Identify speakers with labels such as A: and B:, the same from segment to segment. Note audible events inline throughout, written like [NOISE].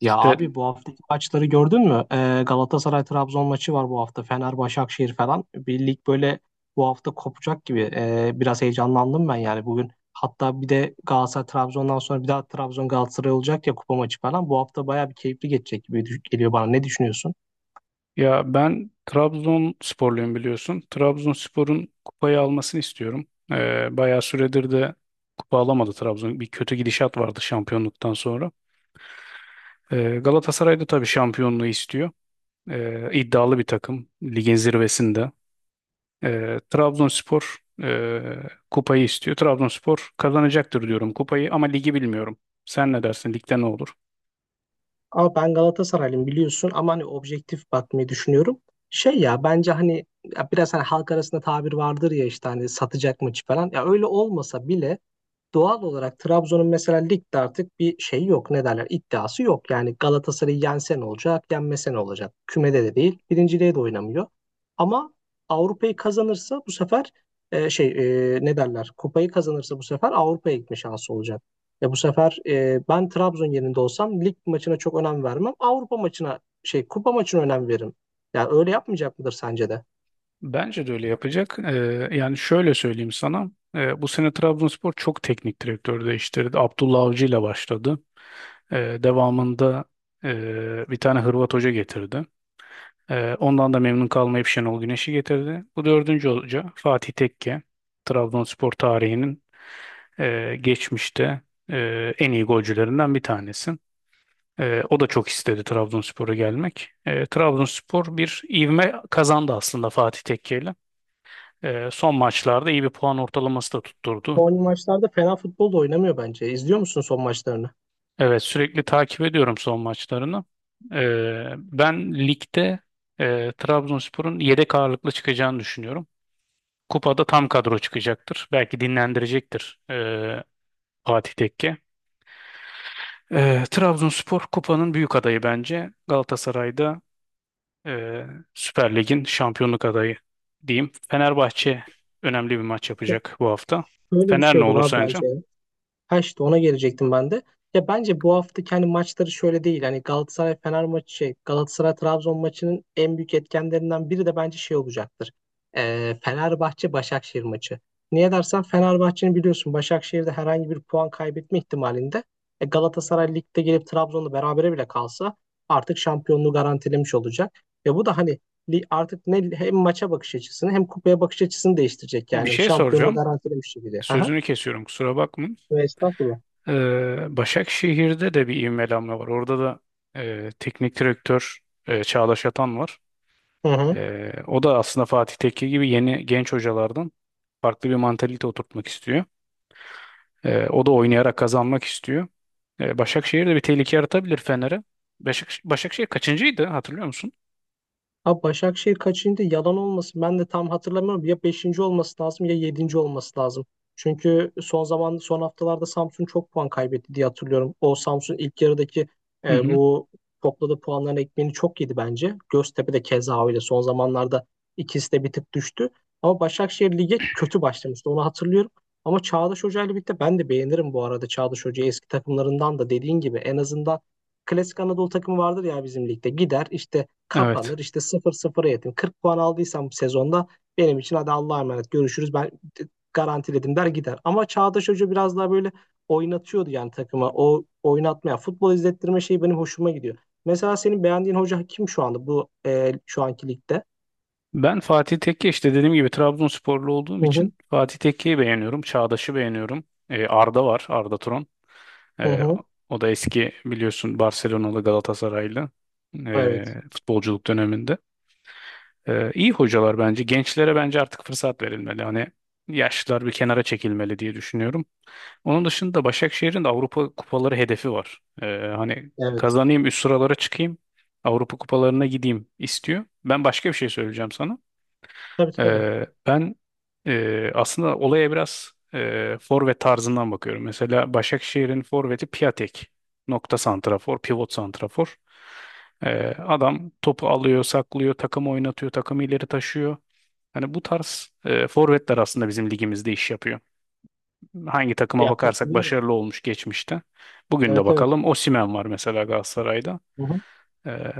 A: Ya abi bu haftaki maçları gördün mü? Galatasaray-Trabzon maçı var bu hafta. Fener-Başakşehir falan. Bir lig böyle bu hafta kopacak gibi. Biraz heyecanlandım ben yani bugün. Hatta bir de Galatasaray-Trabzon'dan sonra bir daha Trabzon-Galatasaray olacak ya kupa maçı falan. Bu hafta bayağı bir keyifli geçecek gibi geliyor bana. Ne düşünüyorsun?
B: Ya ben Trabzonsporluyum biliyorsun. Trabzonspor'un kupayı almasını istiyorum. Bayağı süredir de kupa alamadı Trabzon. Bir kötü gidişat vardı şampiyonluktan sonra. Galatasaray da tabii şampiyonluğu istiyor. İddialı bir takım. Ligin zirvesinde. Trabzonspor kupayı istiyor. Trabzonspor kazanacaktır diyorum kupayı ama ligi bilmiyorum. Sen ne dersin? Ligde ne olur?
A: Ama ben Galatasaraylıyım biliyorsun ama hani objektif bakmayı düşünüyorum. Şey ya bence hani ya biraz hani halk arasında tabir vardır ya işte hani satacak maçı falan. Ya öyle olmasa bile doğal olarak Trabzon'un mesela ligde artık bir şey yok. Ne derler? İddiası yok. Yani Galatasaray'ı yensen olacak, yenmesen olacak. Kümede de değil, birinciliğe de oynamıyor. Ama Avrupa'yı kazanırsa bu sefer şey ne derler? Kupayı kazanırsa bu sefer Avrupa'ya gitme şansı olacak. Ya bu sefer ben Trabzon yerinde olsam lig maçına çok önem vermem. Avrupa maçına şey kupa maçına önem veririm. Yani öyle yapmayacak mıdır sence de?
B: Bence de öyle yapacak. Yani şöyle söyleyeyim sana. Bu sene Trabzonspor çok teknik direktör değiştirdi. Abdullah Avcı ile başladı. Devamında bir tane Hırvat hoca getirdi. Ondan da memnun kalmayıp Şenol Güneş'i getirdi. Bu dördüncü hoca Fatih Tekke. Trabzonspor tarihinin geçmişte en iyi golcülerinden bir tanesi. O da çok istedi Trabzonspor'a gelmek. Trabzonspor bir ivme kazandı aslında Fatih Tekke, son maçlarda iyi bir puan ortalaması da tutturdu.
A: Son maçlarda fena futbol da oynamıyor bence. İzliyor musun son maçlarını?
B: Evet, sürekli takip ediyorum son maçlarını. Ben ligde Trabzonspor'un yedek ağırlıklı çıkacağını düşünüyorum. Kupada tam kadro çıkacaktır. Belki dinlendirecektir Fatih Tekke. Trabzonspor kupanın büyük adayı bence. Galatasaray'da e, Süper Lig'in şampiyonluk adayı diyeyim. Fenerbahçe önemli bir maç yapacak bu hafta.
A: Böyle bir
B: Fener
A: şey
B: ne
A: olur
B: olur
A: abi
B: sence?
A: bence. Ha işte ona gelecektim ben de. Ya bence bu hafta kendi maçları şöyle değil. Hani Galatasaray Fener maçı şey Galatasaray Trabzon maçının en büyük etkenlerinden biri de bence şey olacaktır. Fenerbahçe Başakşehir maçı. Niye dersen Fenerbahçe'nin biliyorsun Başakşehir'de herhangi bir puan kaybetme ihtimalinde Galatasaray ligde gelip Trabzon'la berabere bile kalsa artık şampiyonluğu garantilemiş olacak. Ve bu da hani artık ne hem maça bakış açısını hem kupaya bakış açısını değiştirecek
B: Bir
A: yani
B: şey
A: şampiyonluğu
B: soracağım.
A: garantilemiş gibi. Aha.
B: Sözünü kesiyorum, kusura bakma.
A: Ve estağfurullah.
B: Başakşehir'de de bir ivmelenme var. Orada da teknik direktör Çağdaş Atan var.
A: Hı hı.
B: O da aslında Fatih Tekke gibi yeni genç hocalardan farklı bir mantalite oturtmak istiyor. O da oynayarak kazanmak istiyor. Başakşehir de bir tehlike yaratabilir Fener'e. Başakşehir kaçıncıydı, hatırlıyor musun?
A: Abi Başakşehir kaçıncı? Yalan olmasın. Ben de tam hatırlamıyorum. Ya beşinci olması lazım ya yedinci olması lazım. Çünkü son haftalarda Samsun çok puan kaybetti diye hatırlıyorum. O Samsun ilk yarıdaki
B: Hı hı.
A: bu topladığı puanların ekmeğini çok yedi bence. Göztepe de keza öyle. Son zamanlarda ikisi de bir tık düştü. Ama Başakşehir lige kötü başlamıştı. Onu hatırlıyorum. Ama Çağdaş Hoca ile birlikte ben de beğenirim bu arada Çağdaş Hoca'yı eski takımlarından da dediğin gibi en azından klasik Anadolu takımı vardır ya bizim ligde. Gider işte
B: Evet.
A: kapanır. İşte sıfır 0a yetin. 40 puan aldıysam bu sezonda benim için hadi Allah'a emanet görüşürüz ben garantiledim der gider. Ama Çağdaş Hoca biraz daha böyle oynatıyordu yani takıma. O oynatmaya, futbol izlettirme şeyi benim hoşuma gidiyor. Mesela senin beğendiğin hoca kim şu anda şu anki ligde?
B: Ben Fatih Tekke, işte dediğim gibi, Trabzonsporlu olduğum
A: Hı hı,
B: için Fatih Tekke'yi beğeniyorum. Çağdaş'ı beğeniyorum. Arda var. Arda Turan.
A: hı
B: Ee,
A: hı.
B: o da eski biliyorsun, Barcelona'lı, Galatasaraylı
A: Evet,
B: futbolculuk döneminde. İyi hocalar bence. Gençlere bence artık fırsat verilmeli. Hani yaşlılar bir kenara çekilmeli diye düşünüyorum. Onun dışında Başakşehir'in de Avrupa kupaları hedefi var. Hani
A: evet.
B: kazanayım, üst sıralara çıkayım, Avrupa kupalarına gideyim istiyor. Ben başka bir şey söyleyeceğim sana.
A: Tabii tabii.
B: Ben aslında olaya biraz forvet tarzından bakıyorum. Mesela Başakşehir'in forveti Piatek. Nokta santrafor, pivot santrafor. Adam topu alıyor, saklıyor, takımı oynatıyor, takımı ileri taşıyor. Hani bu tarz forvetler aslında bizim ligimizde iş yapıyor. Hangi takıma
A: Ya
B: bakarsak
A: katılıyorum.
B: başarılı olmuş geçmişte. Bugün de
A: Evet, evet.
B: bakalım, Osimhen var mesela Galatasaray'da.
A: Hı hı.
B: Ee,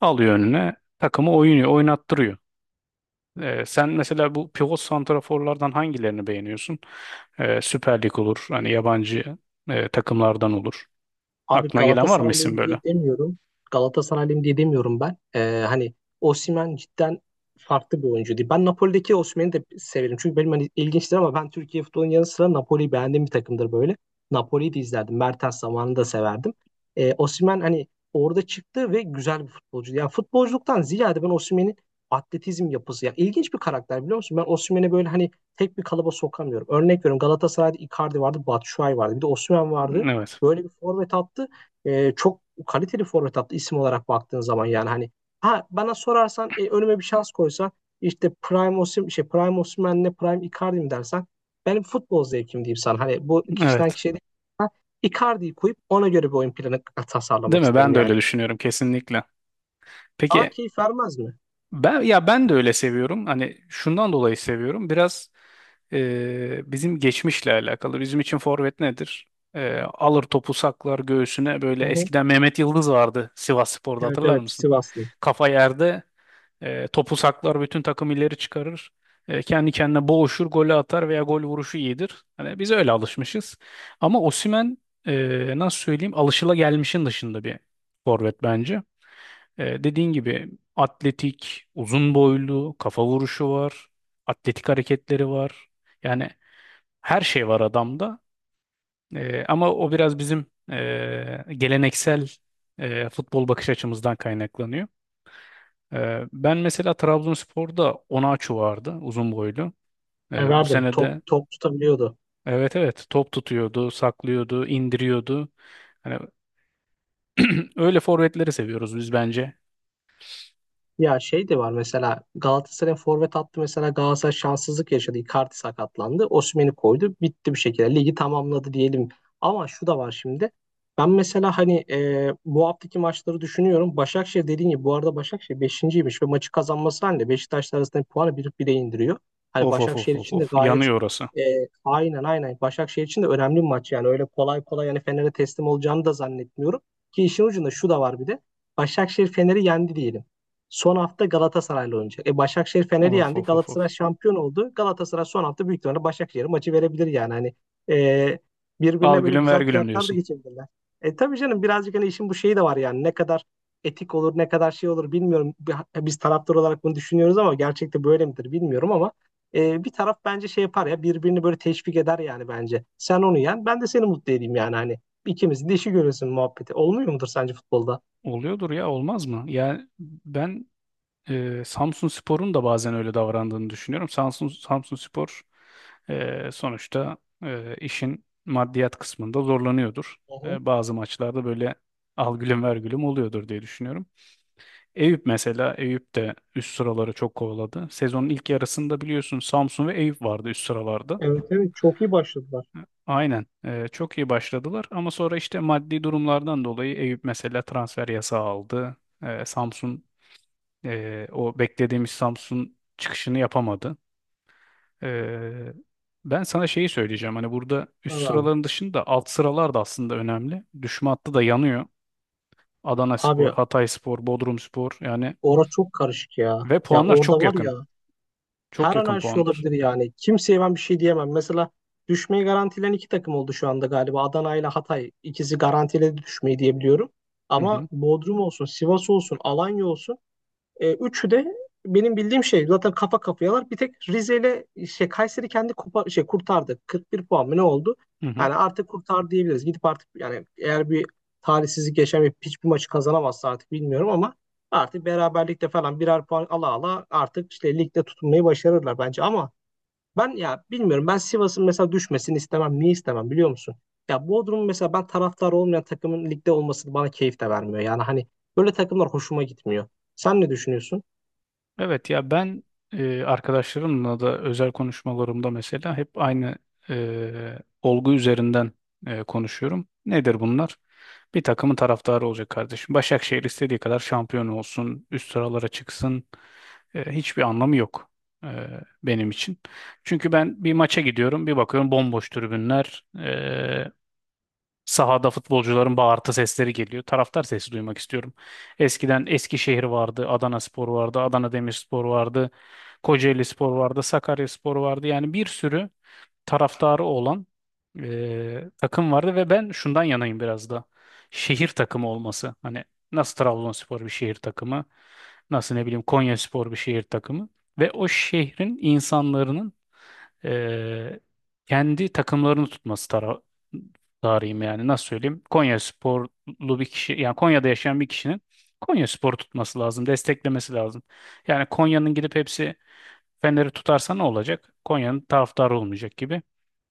B: alıyor önüne, takımı oynuyor, oynattırıyor. Sen mesela bu pivot santraforlardan hangilerini beğeniyorsun? Süper Lig olur, hani yabancı takımlardan olur.
A: Abi
B: Aklına gelen var mı, isim
A: Galatasaraylıyım
B: böyle?
A: diye demiyorum. Galatasaraylıyım diye demiyorum ben. Hani Osimhen cidden farklı bir oyuncu değil. Ben Napoli'deki Osimhen'i de severim. Çünkü benim hani ilginçtir ama ben Türkiye futbolunun yanı sıra Napoli'yi beğendiğim bir takımdır böyle. Napoli'yi de izlerdim. Mertens zamanını da severdim. Osimhen hani orada çıktı ve güzel bir futbolcu. Yani futbolculuktan ziyade ben Osimhen'in atletizm yapısı. Yani ilginç bir karakter biliyor musun? Ben Osimhen'i böyle hani tek bir kalıba sokamıyorum. Örnek veriyorum Galatasaray'da Icardi vardı, Batshuayi vardı. Bir de Osimhen vardı.
B: Evet.
A: Böyle bir forvet attı. Çok kaliteli forvet attı isim olarak baktığın zaman yani hani ha bana sorarsan önüme bir şans koysa işte Prime Osimhen'le Prime Icardi mi dersen benim futbol zevkim diyeyim sana. Hani bu kişiden
B: Evet.
A: kişiye değil. Ben Icardi'yi koyup ona göre bir oyun planı tasarlamak
B: Değil mi? Ben
A: isterim
B: de
A: yani.
B: öyle düşünüyorum kesinlikle.
A: Daha
B: Peki.
A: keyif vermez mi?
B: Ben de öyle seviyorum. Hani şundan dolayı seviyorum. Biraz bizim geçmişle alakalı. Bizim için forvet nedir? Alır topu, saklar göğsüne. Böyle
A: Hı hı.
B: eskiden Mehmet Yıldız vardı Sivasspor'da,
A: Evet
B: hatırlar
A: evet
B: mısın?
A: Sivaslı.
B: Kafa yerde, topu saklar, bütün takım ileri çıkarır. Kendi kendine boğuşur, golü atar veya gol vuruşu iyidir. Hani biz öyle alışmışız. Ama Osimhen, nasıl söyleyeyim, alışılagelmişin dışında bir forvet bence. Dediğin gibi atletik, uzun boylu, kafa vuruşu var, atletik hareketleri var. Yani her şey var adamda. Ama o biraz bizim geleneksel futbol bakış açımızdan kaynaklanıyor. Ben mesela Trabzonspor'da Onaçu vardı, uzun boylu.
A: E,
B: Bu
A: verdim. Top
B: senede,
A: top tutabiliyordu.
B: evet evet, top tutuyordu, saklıyordu, indiriyordu. Hani [CLEARS THROAT] öyle forvetleri seviyoruz biz bence.
A: Ya şey de var mesela Galatasaray forvet attı mesela Galatasaray şanssızlık yaşadı. Icardi sakatlandı. Osimhen'i koydu. Bitti bir şekilde. Ligi tamamladı diyelim. Ama şu da var şimdi. Ben mesela hani bu haftaki maçları düşünüyorum. Başakşehir dediğin gibi bu arada Başakşehir beşinciymiş ve maçı kazanması halinde Beşiktaş'la arasındaki puanı bir bire indiriyor. Hani
B: Of of of
A: Başakşehir
B: of
A: için de
B: of,
A: gayet
B: yanıyor orası.
A: e, aynen aynen Başakşehir için de önemli bir maç yani öyle kolay kolay yani Fener'e teslim olacağını da zannetmiyorum. Ki işin ucunda şu da var bir de. Başakşehir Fener'i yendi diyelim. Son hafta Galatasaray'la oynayacak. Başakşehir Fener'i
B: Of
A: yendi.
B: of of
A: Galatasaray
B: of.
A: şampiyon oldu. Galatasaray son hafta büyük ihtimalle Başakşehir'e maçı verebilir yani. Hani e,
B: Al
A: birbirine böyle
B: gülüm ver
A: güzel
B: gülüm
A: kıyaklar da
B: diyorsun.
A: geçebilirler. Tabii canım birazcık hani işin bu şeyi de var yani. Ne kadar etik olur, ne kadar şey olur bilmiyorum. Biz taraftar olarak bunu düşünüyoruz ama gerçekte böyle midir bilmiyorum ama bir taraf bence şey yapar ya birbirini böyle teşvik eder yani bence. Sen onu yen, ben de seni mutlu edeyim yani hani. İkimizin de işi görürsün muhabbeti. Olmuyor mudur sence futbolda?
B: Oluyordur ya, olmaz mı? Yani ben Samsun Spor'un da bazen öyle davrandığını düşünüyorum. Samsun Spor, sonuçta, işin maddiyat kısmında zorlanıyordur.
A: Hı hı.
B: Bazı maçlarda böyle al gülüm ver gülüm oluyordur diye düşünüyorum. Eyüp mesela, Eyüp de üst sıraları çok kovaladı. Sezonun ilk yarısında biliyorsun Samsun ve Eyüp vardı üst sıralarda.
A: Evet evet çok iyi başladılar.
B: Aynen. Çok iyi başladılar ama sonra işte maddi durumlardan dolayı Eyüp mesela transfer yasağı aldı. Samsun o beklediğimiz Samsun çıkışını yapamadı. Ee, ben sana şeyi söyleyeceğim. Hani burada üst
A: Tamam.
B: sıraların dışında alt sıralar da aslında önemli. Düşme hattı da yanıyor.
A: Abi
B: Adanaspor, Hatayspor, Bodrumspor yani,
A: orası çok karışık ya.
B: ve
A: Ya
B: puanlar
A: orada
B: çok
A: var
B: yakın.
A: ya
B: Çok
A: her an
B: yakın
A: her şey
B: puanlar.
A: olabilir yani. Kimseye ben bir şey diyemem. Mesela düşmeyi garantilen iki takım oldu şu anda galiba. Adana ile Hatay ikisi garantiledi düşmeyi diyebiliyorum.
B: Hı
A: Ama
B: hı.
A: Bodrum olsun, Sivas olsun, Alanya olsun üçü de benim bildiğim şey zaten kafa kafayalar. Bir tek Rize ile şey, Kayseri kendi kupa, şey, kurtardı. 41 puan mı ne oldu?
B: Hı hı.
A: Yani artık kurtar diyebiliriz. Gidip artık yani eğer bir talihsizlik yaşamayıp hiçbir maçı kazanamazsa artık bilmiyorum ama artık beraberlikte falan birer puan ala ala artık işte ligde tutunmayı başarırlar bence ama ben ya bilmiyorum. Ben Sivas'ın mesela düşmesini istemem. Niye istemem biliyor musun? Ya Bodrum'un mesela ben taraftar olmayan takımın ligde olması bana keyif de vermiyor. Yani hani böyle takımlar hoşuma gitmiyor. Sen ne düşünüyorsun?
B: Evet ya, ben arkadaşlarımla da özel konuşmalarımda mesela hep aynı olgu üzerinden konuşuyorum. Nedir bunlar? Bir takımın taraftarı olacak, kardeşim. Başakşehir istediği kadar şampiyon olsun, üst sıralara çıksın. Hiçbir anlamı yok e, benim için. Çünkü ben bir maça gidiyorum, bir bakıyorum bomboş tribünler. Sahada futbolcuların bağırtı sesleri geliyor. Taraftar sesi duymak istiyorum. Eskiden Eskişehir vardı, Adanaspor vardı, Adana Demirspor vardı, Kocaelispor vardı, Sakaryaspor vardı. Yani bir sürü taraftarı olan takım vardı ve ben şundan yanayım biraz da. Şehir takımı olması. Hani, nasıl Trabzonspor bir şehir takımı, nasıl ne bileyim Konyaspor bir şehir takımı ve o şehrin insanların e, kendi takımlarını tutması tarihim, yani nasıl söyleyeyim? Konyasporlu bir kişi, yani Konya'da yaşayan bir kişinin Konyaspor tutması lazım, desteklemesi lazım. Yani Konya'nın gidip hepsi Fener'i tutarsa ne olacak? Konya'nın taraftarı olmayacak gibi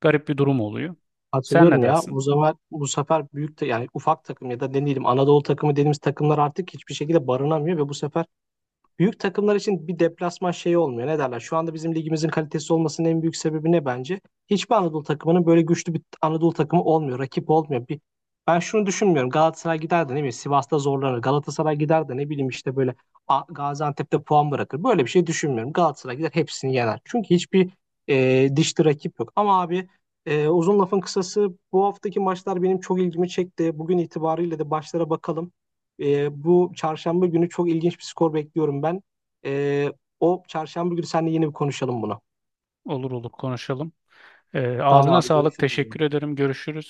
B: garip bir durum oluyor. Sen ne
A: Hatırlıyorum ya.
B: dersin?
A: Bu zaman bu sefer büyük de yani ufak takım ya da ne diyelim Anadolu takımı dediğimiz takımlar artık hiçbir şekilde barınamıyor ve bu sefer büyük takımlar için bir deplasman şeyi olmuyor. Ne derler? Şu anda bizim ligimizin kalitesi olmasının en büyük sebebi ne bence? Hiçbir Anadolu takımının böyle güçlü bir Anadolu takımı olmuyor. Rakip olmuyor. Bir, ben şunu düşünmüyorum. Galatasaray gider de ne bileyim Sivas'ta zorlanır. Galatasaray gider de ne bileyim işte böyle Gaziantep'te puan bırakır. Böyle bir şey düşünmüyorum. Galatasaray gider hepsini yener. Çünkü hiçbir dişli rakip yok. Ama abi uzun lafın kısası bu haftaki maçlar benim çok ilgimi çekti. Bugün itibariyle de başlara bakalım. Bu çarşamba günü çok ilginç bir skor bekliyorum ben. E, o çarşamba günü seninle yeni bir konuşalım bunu.
B: Olur olur konuşalım. Ee,
A: Tamam
B: ağzına
A: abi.
B: sağlık.
A: Görüşürüz.
B: Teşekkür ederim. Görüşürüz.